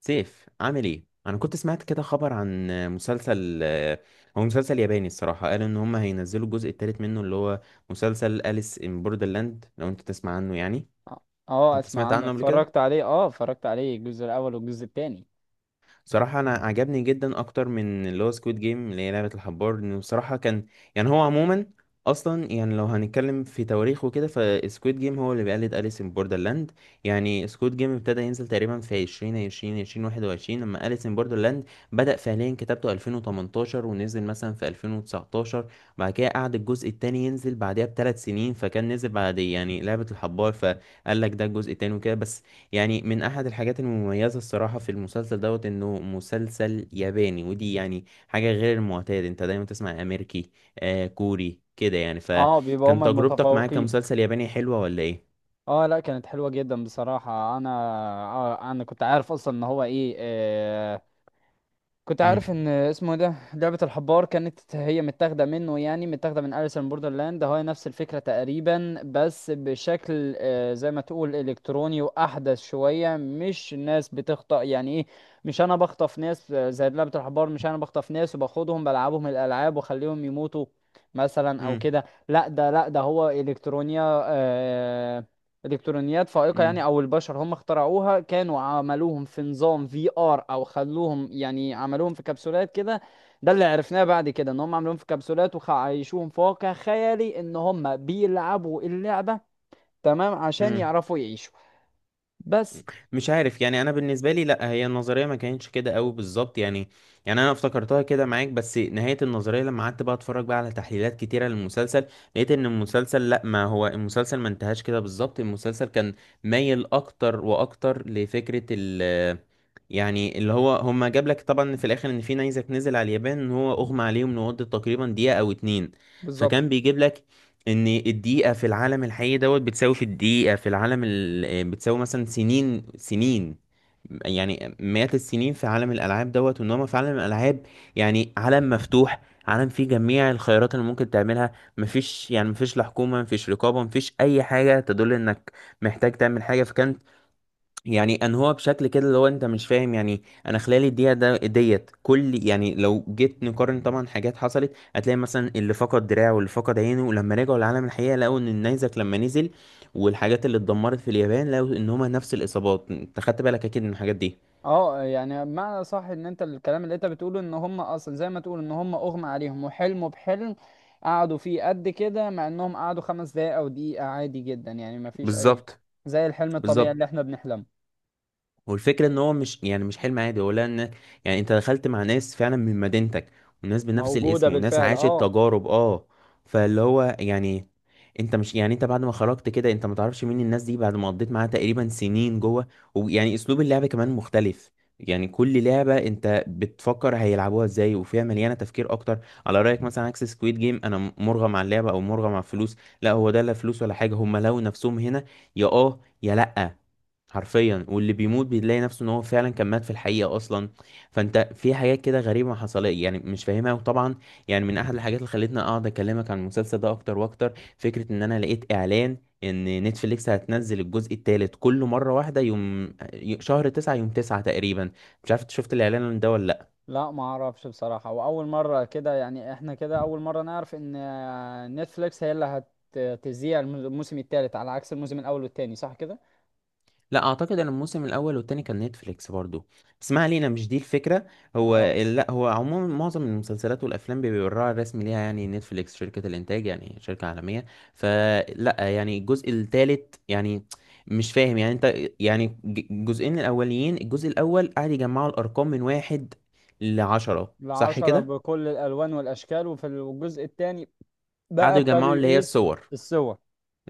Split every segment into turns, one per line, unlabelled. سيف، عامل ايه؟ انا كنت سمعت كده خبر عن مسلسل. هو مسلسل ياباني الصراحه. قالوا ان هم هينزلوا الجزء الثالث منه، اللي هو مسلسل أليس ان بوردرلاند. لو انت تسمع عنه يعني،
اه.
انت
اسمع
سمعت
عنه،
عنه قبل كده؟
اتفرجت عليه، الجزء الاول والجزء الثاني.
صراحة أنا عجبني جدا أكتر من اللي هو سكويد جيم اللي هي لعبة الحبار. إنه بصراحة كان يعني هو عموما أصلا، يعني لو هنتكلم في تواريخ وكده، فسكويد جيم هو اللي بيقلد أليس إن بوردرلاند. يعني سكويد جيم ابتدى ينزل تقريبا في 2020، 2021، لما أليس إن بوردرلاند بدأ فعليا كتابته 2018 ونزل مثلا في 2019. بعد كده قعد الجزء التاني ينزل بعدها بـ 3 سنين، فكان نزل بعد يعني لعبة الحبار، فقال لك ده الجزء التاني وكده بس. يعني من احد الحاجات المميزه الصراحه في المسلسل دوت انه مسلسل ياباني، ودي يعني حاجه غير المعتاد. انت دايما تسمع امريكي، آه كوري كده يعني.
اه، بيبقى
فكان
هما
تجربتك معاه
المتفوقين.
كمسلسل ياباني حلوه ولا ايه؟
اه، لا كانت حلوه جدا بصراحه انا. آه، انا كنت عارف اصلا ان هو ايه. كنت عارف
امم
ان اسمه إيه، ده لعبة الحبار كانت هي متاخدة منه، يعني متاخدة من أليس ان بوردرلاند، هو نفس الفكرة تقريبا بس بشكل زي ما تقول الكتروني واحدث شوية، مش الناس بتخطأ يعني ايه. مش انا بخطف ناس، زي لعبة الحبار، مش انا بخطف ناس وباخدهم بلعبهم الالعاب واخليهم يموتوا مثلا او كده. لا ده هو الكترونيا. الكترونيات فائقه، يعني او البشر هم اخترعوها، كانوا عملوهم في نظام في ار، او خلوهم، يعني عملوهم في كبسولات كده. ده اللي عرفناه بعد كده، ان هم عملوهم في كبسولات وعايشوهم في واقع خيالي ان هم بيلعبوا اللعبه تمام عشان
امم
يعرفوا يعيشوا. بس.
مش عارف يعني. انا بالنسبه لي، لا، هي النظريه ما كانتش كده قوي بالظبط يعني. يعني انا افتكرتها كده معاك، بس نهايه النظريه لما قعدت بقى اتفرج بقى على تحليلات كتيره للمسلسل، لقيت ان المسلسل لا، ما هو المسلسل ما انتهاش كده بالظبط. المسلسل كان مايل اكتر واكتر لفكره يعني اللي هو، هما جاب لك طبعا في الاخر ان في نيزك نزل على اليابان، ان هو اغمى عليهم لمده تقريبا دقيقة أو 2.
بالظبط.
فكان بيجيب لك ان الدقيقة في العالم الحقيقي دوت بتساوي في الدقيقة في العالم ال... آه، بتساوي مثلا سنين سنين، يعني مئات السنين في عالم الألعاب دوت. وإنما في عالم الألعاب يعني عالم مفتوح، عالم فيه جميع الخيارات اللي ممكن تعملها. مفيش لا حكومة، مفيش رقابة، مفيش أي حاجة تدل إنك محتاج تعمل حاجة. فكان يعني انهوا بشكل كده اللي هو انت مش فاهم، يعني انا خلال الدقيقه ده ديت كل، يعني لو جيت نقارن طبعا حاجات حصلت، هتلاقي مثلا اللي فقد دراعه واللي فقد عينه، ولما رجعوا لعالم الحقيقه لقوا ان النيزك لما نزل والحاجات اللي اتدمرت في اليابان، لقوا ان هما نفس الاصابات. انت خدت بالك اكيد من الحاجات دي؟
اه، يعني معنى صح ان انت الكلام اللي انت بتقوله ان هم اصلا زي ما تقول ان هم اغمى عليهم وحلموا بحلم قعدوا فيه قد كده، مع انهم قعدوا خمس دقايق او دقيقة، عادي جدا يعني، ما فيش اي،
بالظبط،
زي الحلم الطبيعي
بالظبط.
اللي احنا بنحلمه.
والفكرة ان هو مش يعني مش حلم عادي، هو لا، ان يعني انت دخلت مع ناس فعلا من مدينتك، وناس بنفس
موجودة
الاسم، وناس
بالفعل،
عاشت
اه.
تجارب اه. فاللي هو يعني انت مش، يعني انت بعد ما خرجت كده انت ما تعرفش مين الناس دي بعد ما قضيت معاها تقريبا سنين جوه. ويعني اسلوب اللعبة كمان مختلف. يعني كل لعبة انت بتفكر هيلعبوها ازاي، وفيها مليانة تفكير اكتر. على رأيك مثلا عكس سكويد جيم، انا مرغم على اللعبة او مرغم على الفلوس. لا، هو ده لا فلوس ولا حاجة، هم لو نفسهم هنا يا اه يا لا، حرفيا. واللي بيموت بيلاقي نفسه ان هو فعلا كان مات في الحقيقة اصلا. فانت في حاجات كده غريبة ما حصلت يعني، مش فاهمها. وطبعا يعني من احد الحاجات اللي خلتني اقعد اكلمك عن المسلسل ده اكتر واكتر، فكرة ان انا لقيت اعلان ان نتفليكس هتنزل الجزء الثالث كله مرة واحده، يوم 9/9 تقريبا. مش عارف انت شفت الاعلان ده ولا؟
لا، ما اعرفش بصراحة، واول مرة كده، يعني احنا كده اول مرة نعرف ان نتفليكس هي اللي هتذيع الموسم الثالث على عكس الموسم الاول والثاني، صح كده؟
لا، اعتقد ان الموسم الاول والتاني كان نتفليكس برضو. بس ما علينا، مش دي الفكره. هو
اه.
لا، هو عموما معظم المسلسلات والافلام بيبقى الراعي الرسمي ليها يعني نتفليكس، شركه الانتاج يعني شركه عالميه. فلا يعني الجزء الثالث يعني مش فاهم يعني انت. يعني الجزئين الاوليين، الجزء الاول قعد يجمعوا الارقام من 1 لـ 10، صح
العشرة
كده؟
بكل الالوان والاشكال، وفي الجزء الثاني بقى
قعدوا
ابتدوا
يجمعوا اللي هي
ايه؟
الصور.
الصور.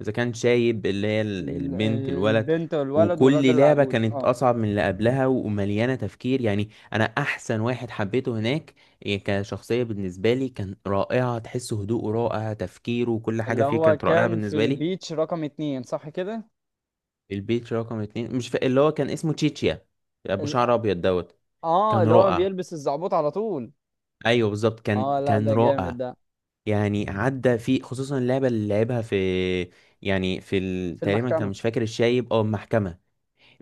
اذا كان شايب، اللي هي
ال-
البنت، الولد.
البنت والولد والراجل
وكل لعبة
العجوز،
كانت
اه.
أصعب من اللي قبلها ومليانة تفكير. يعني أنا أحسن واحد حبيته هناك، إيه كشخصية بالنسبة لي كان رائعة، تحس هدوءه رائع، تفكيره وكل حاجة
اللي
فيه
هو
كانت رائعة
كان في
بالنسبة لي.
البيتش رقم اتنين، صح كده؟
البيت رقم 2، مش فا... اللي هو كان اسمه تشيتشيا، أبو
ال...
شعر أبيض دوت.
اه،
كان
اللي هو
رائع.
بيلبس الزعبوط على طول.
أيوه بالظبط،
اه،
كان
لا
كان
ده جامد
رائع.
ده.
يعني عدى فيه، خصوصا اللعبة اللي لعبها في، يعني في
في
تقريبا كان،
المحكمة.
مش فاكر، الشايب أو المحكمة.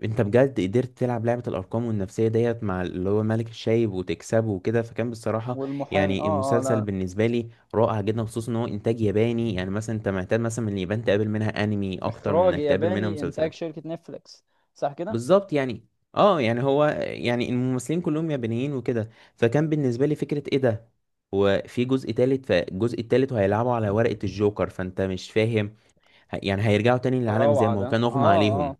انت بجد قدرت تلعب لعبة الارقام والنفسية ديت مع اللي هو ملك الشايب وتكسبه وكده، فكان بصراحة
والمحامي،
يعني
اه اه،
المسلسل
لا.
بالنسبة لي رائع جدا، خصوصا ان هو انتاج ياباني. يعني مثلا انت معتاد مثلا من اليابان تقابل منها انمي اكتر من
اخراج
انك تقابل منها
ياباني، انتاج
مسلسلات.
شركة نتفليكس، صح كده؟
بالظبط يعني. اه يعني هو يعني الممثلين كلهم يابانيين وكده. فكان بالنسبة لي فكرة ايه ده. هو في جزء تالت، فالجزء التالت وهيلعبوا على ورقة الجوكر. فانت مش فاهم، يعني هيرجعوا تاني
ده
للعالم زي
روعة
ما
ده،
هو كان اغمى
اه
عليهم.
اه.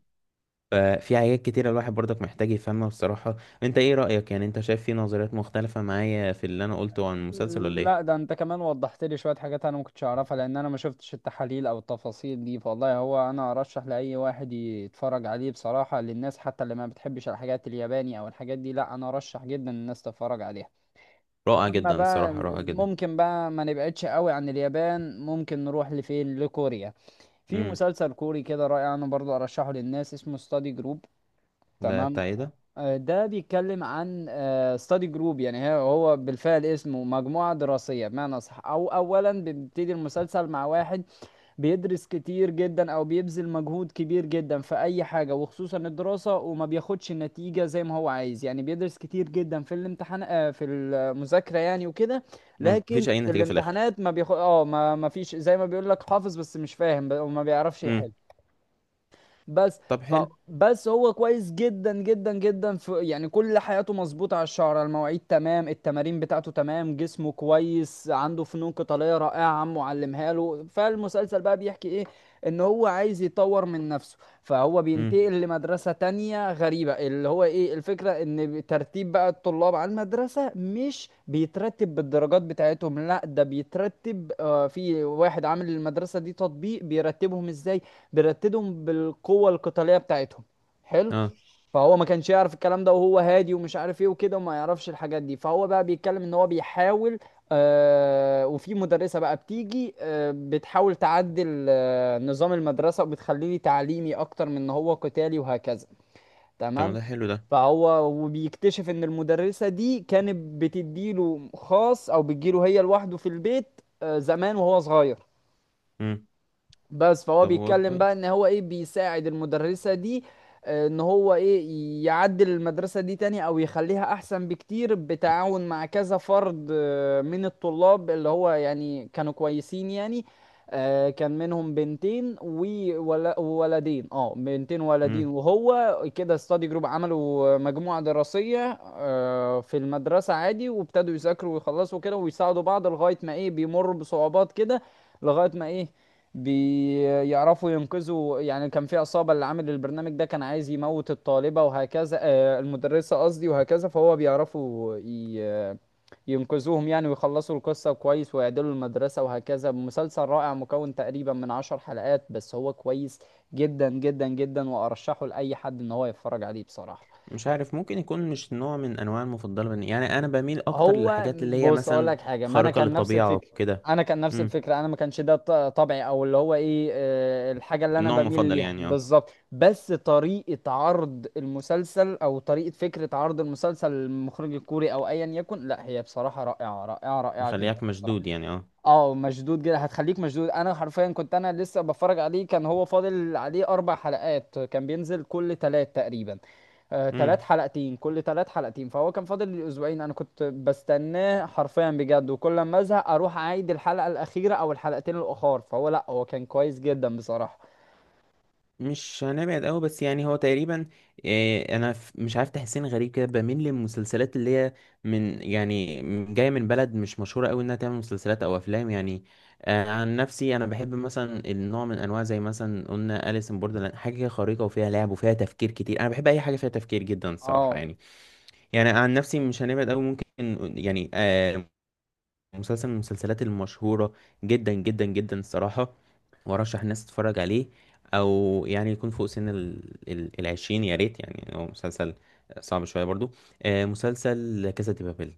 ففي حاجات كتيرة الواحد برضك محتاج يفهمها بصراحة. انت ايه رأيك؟ يعني انت شايف في نظريات مختلفة معايا في اللي انا قلته عن المسلسل ولا
لا،
ايه؟
ده انت كمان وضحت لي شوية حاجات انا ما كنتش اعرفها، لان انا ما شفتش التحاليل او التفاصيل دي، فوالله هو انا ارشح لاي واحد يتفرج عليه بصراحة، للناس حتى اللي ما بتحبش الحاجات الياباني او الحاجات دي، لا انا ارشح جدا الناس تتفرج عليها.
رائع
اما
جدا
بقى
الصراحة، رائع جدا.
ممكن بقى ما نبعدش قوي عن اليابان، ممكن نروح لفين، لكوريا. في
امم
مسلسل كوري كده رائع انا برضو ارشحه للناس، اسمه ستادي جروب.
ده
تمام.
بتاع ايه ده؟
ده بيتكلم عن ستادي جروب، يعني هو بالفعل اسمه مجموعة دراسية بمعنى صح، أو أولا بيبتدي المسلسل مع واحد بيدرس كتير جدا أو بيبذل مجهود كبير جدا في أي حاجة، وخصوصا الدراسة، وما بياخدش النتيجة زي ما هو عايز، يعني بيدرس كتير جدا في الامتحان، في المذاكرة يعني وكده. لكن
مفيش اي
في
نتيجة في الاخر.
الامتحانات ما بياخد، ما فيش، زي ما بيقول لك حافظ بس مش فاهم، وما بيعرفش
امم
يحل. بس
طب
ف
حلو.
بس هو كويس جدا جدا جدا في، يعني كل حياته مظبوطة، على الشعر، على المواعيد تمام، التمارين بتاعته تمام، جسمه كويس، عنده فنون قتالية رائعة عمه علمها له. فالمسلسل بقى بيحكي ايه؟ ان هو عايز يطور من نفسه، فهو
امم
بينتقل لمدرسة تانية غريبة، اللي هو ايه، الفكرة ان ترتيب بقى الطلاب على المدرسة مش بيترتب بالدرجات بتاعتهم، لا ده بيترتب، في واحد عامل المدرسة دي تطبيق بيرتبهم ازاي، بيرتدهم بالقوه القتاليه بتاعتهم. حلو.
اه.
فهو ما كانش يعرف الكلام ده، وهو هادي ومش عارف ايه وكده وما يعرفش الحاجات دي، فهو بقى بيتكلم ان هو بيحاول، وفي مدرسه بقى بتيجي بتحاول تعدل نظام المدرسه وبتخليه تعليمي اكتر من ان هو قتالي وهكذا.
طب ما
تمام.
ده حلو ده.
فهو وبيكتشف ان المدرسه دي كانت بتديله خاص او بتجيله هي لوحده في البيت زمان وهو صغير.
امم
بس فهو
طب هو
بيتكلم بقى
كويس.
ان هو ايه، بيساعد المدرسة دي، ان هو ايه، يعدل المدرسة دي تاني او يخليها احسن بكتير بتعاون مع كذا فرد، من الطلاب اللي هو يعني كانوا كويسين يعني. كان منهم بنتين وولدين،
امم
وهو كده ستادي جروب، عملوا مجموعة دراسية في المدرسة عادي وابتدوا يذاكروا ويخلصوا كده ويساعدوا بعض، لغاية ما ايه، بيمروا بصعوبات كده، لغاية ما ايه، بيعرفوا ينقذوا، يعني كان في عصابة اللي عامل البرنامج ده كان عايز يموت الطالبة وهكذا، المدرسة قصدي، وهكذا فهو بيعرفوا ينقذوهم يعني ويخلصوا القصة كويس ويعدلوا المدرسة وهكذا. مسلسل رائع مكون تقريبا من عشر حلقات، بس هو كويس جدا جدا جدا وأرشحه لأي حد إن هو يتفرج عليه بصراحة.
مش عارف، ممكن يكون مش نوع من انواع المفضلة. يعني انا بميل اكتر
هو
للحاجات اللي هي
بص اقول
مثلا
لك حاجه، ما انا
خارقة
كان نفس
للطبيعة
الفكره،
وكده.
انا كان نفس
امم
الفكره، انا ما كانش ده طبعي، او اللي هو ايه، الحاجه اللي انا
النوع
بميل
المفضل
ليها
يعني، اه،
بالظبط، بس طريقه عرض المسلسل او طريقه فكره عرض المسلسل للمخرج الكوري او ايا يكن، لا هي بصراحه رائعه رائعه رائعه جدا
مخليك مشدود
بصراحه.
يعني، اه.
اه، مشدود جدا، هتخليك مشدود، انا حرفيا كنت انا لسه بتفرج عليه كان هو فاضل عليه اربع حلقات، كان بينزل كل تلات تقريبا، تلات
امم
حلقتين كل تلات حلقتين، فهو كان فاضل لي اسبوعين، انا كنت بستناه حرفيا بجد، وكل ما ازهق اروح اعيد الحلقة الاخيرة او الحلقتين الاخر، فهو لا هو كان كويس جدا بصراحة.
مش هنبعد قوي، بس يعني هو تقريبا، إيه انا مش عارف، تحسين غريب كده، بميل للمسلسلات اللي هي من يعني جايه من بلد مش مشهوره قوي انها تعمل مسلسلات او افلام يعني. آه عن نفسي انا بحب مثلا النوع من انواع زي مثلا قلنا اليس ان بوردرلاند، حاجه كده خريطه وفيها لعب وفيها تفكير كتير. انا بحب اي حاجه فيها تفكير جدا الصراحه
اه
يعني. يعني عن نفسي مش هنبعد قوي ممكن، يعني مسلسل من المسلسلات المشهورة جدا جدا جدا الصراحة، وارشح الناس تتفرج عليه، او يعني يكون فوق سن العشرين يا ريت، يعني هو مسلسل صعب شوية برضو. مسلسل كاسا دي بابيل.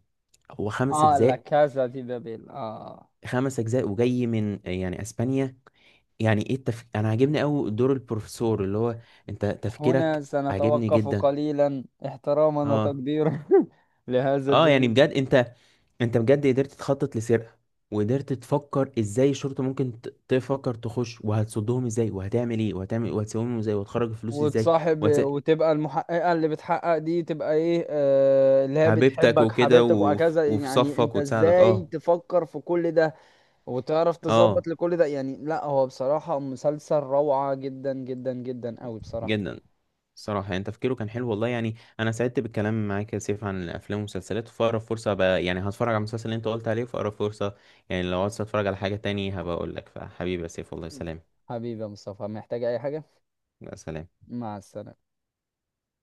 هو خمس
اه، لا
اجزاء
كازا دي بابيل، اه.
5 أجزاء، وجاي من يعني اسبانيا. يعني ايه انا عاجبني قوي دور البروفيسور، اللي هو انت
هنا
تفكيرك عاجبني
سنتوقف
جدا،
قليلا احتراما
اه.
وتقديرا لهذا.
اه يعني بجد انت، انت بجد قدرت تخطط لسرقة، وقدرت تفكر ازاي الشرطة ممكن تفكر تخش، وهتصدهم ازاي، وهتعمل ايه، وهتعمل، وهتسويهم ازاي، وهتخرج الفلوس ازاي،
وتصاحب
وهت...
وتبقى المحققة اللي بتحقق دي تبقى ايه، اللي هي
حبيبتك
بتحبك،
وكده
حبيبتك وهكذا،
وفي
يعني
صفك
انت
وتساعدك،
ازاي
اه.
تفكر في كل ده وتعرف تظبط
اه
لكل ده؟ يعني لا هو بصراحة مسلسل روعة جدا جدا جدا قوي بصراحة.
جدا. صراحة يعني تفكيره كان حلو والله. يعني انا سعدت بالكلام معاك يا سيف عن الافلام والمسلسلات. في اقرب فرصة بقى يعني هتفرج على المسلسل اللي انت قلت عليه في اقرب فرصة. يعني لو عايز اتفرج على حاجة تاني هبقى اقول لك. فحبيبي يا سيف والله، سلام.
حبيبي يا مصطفى، محتاج اي حاجة؟
يا سلام.
مع السلامة.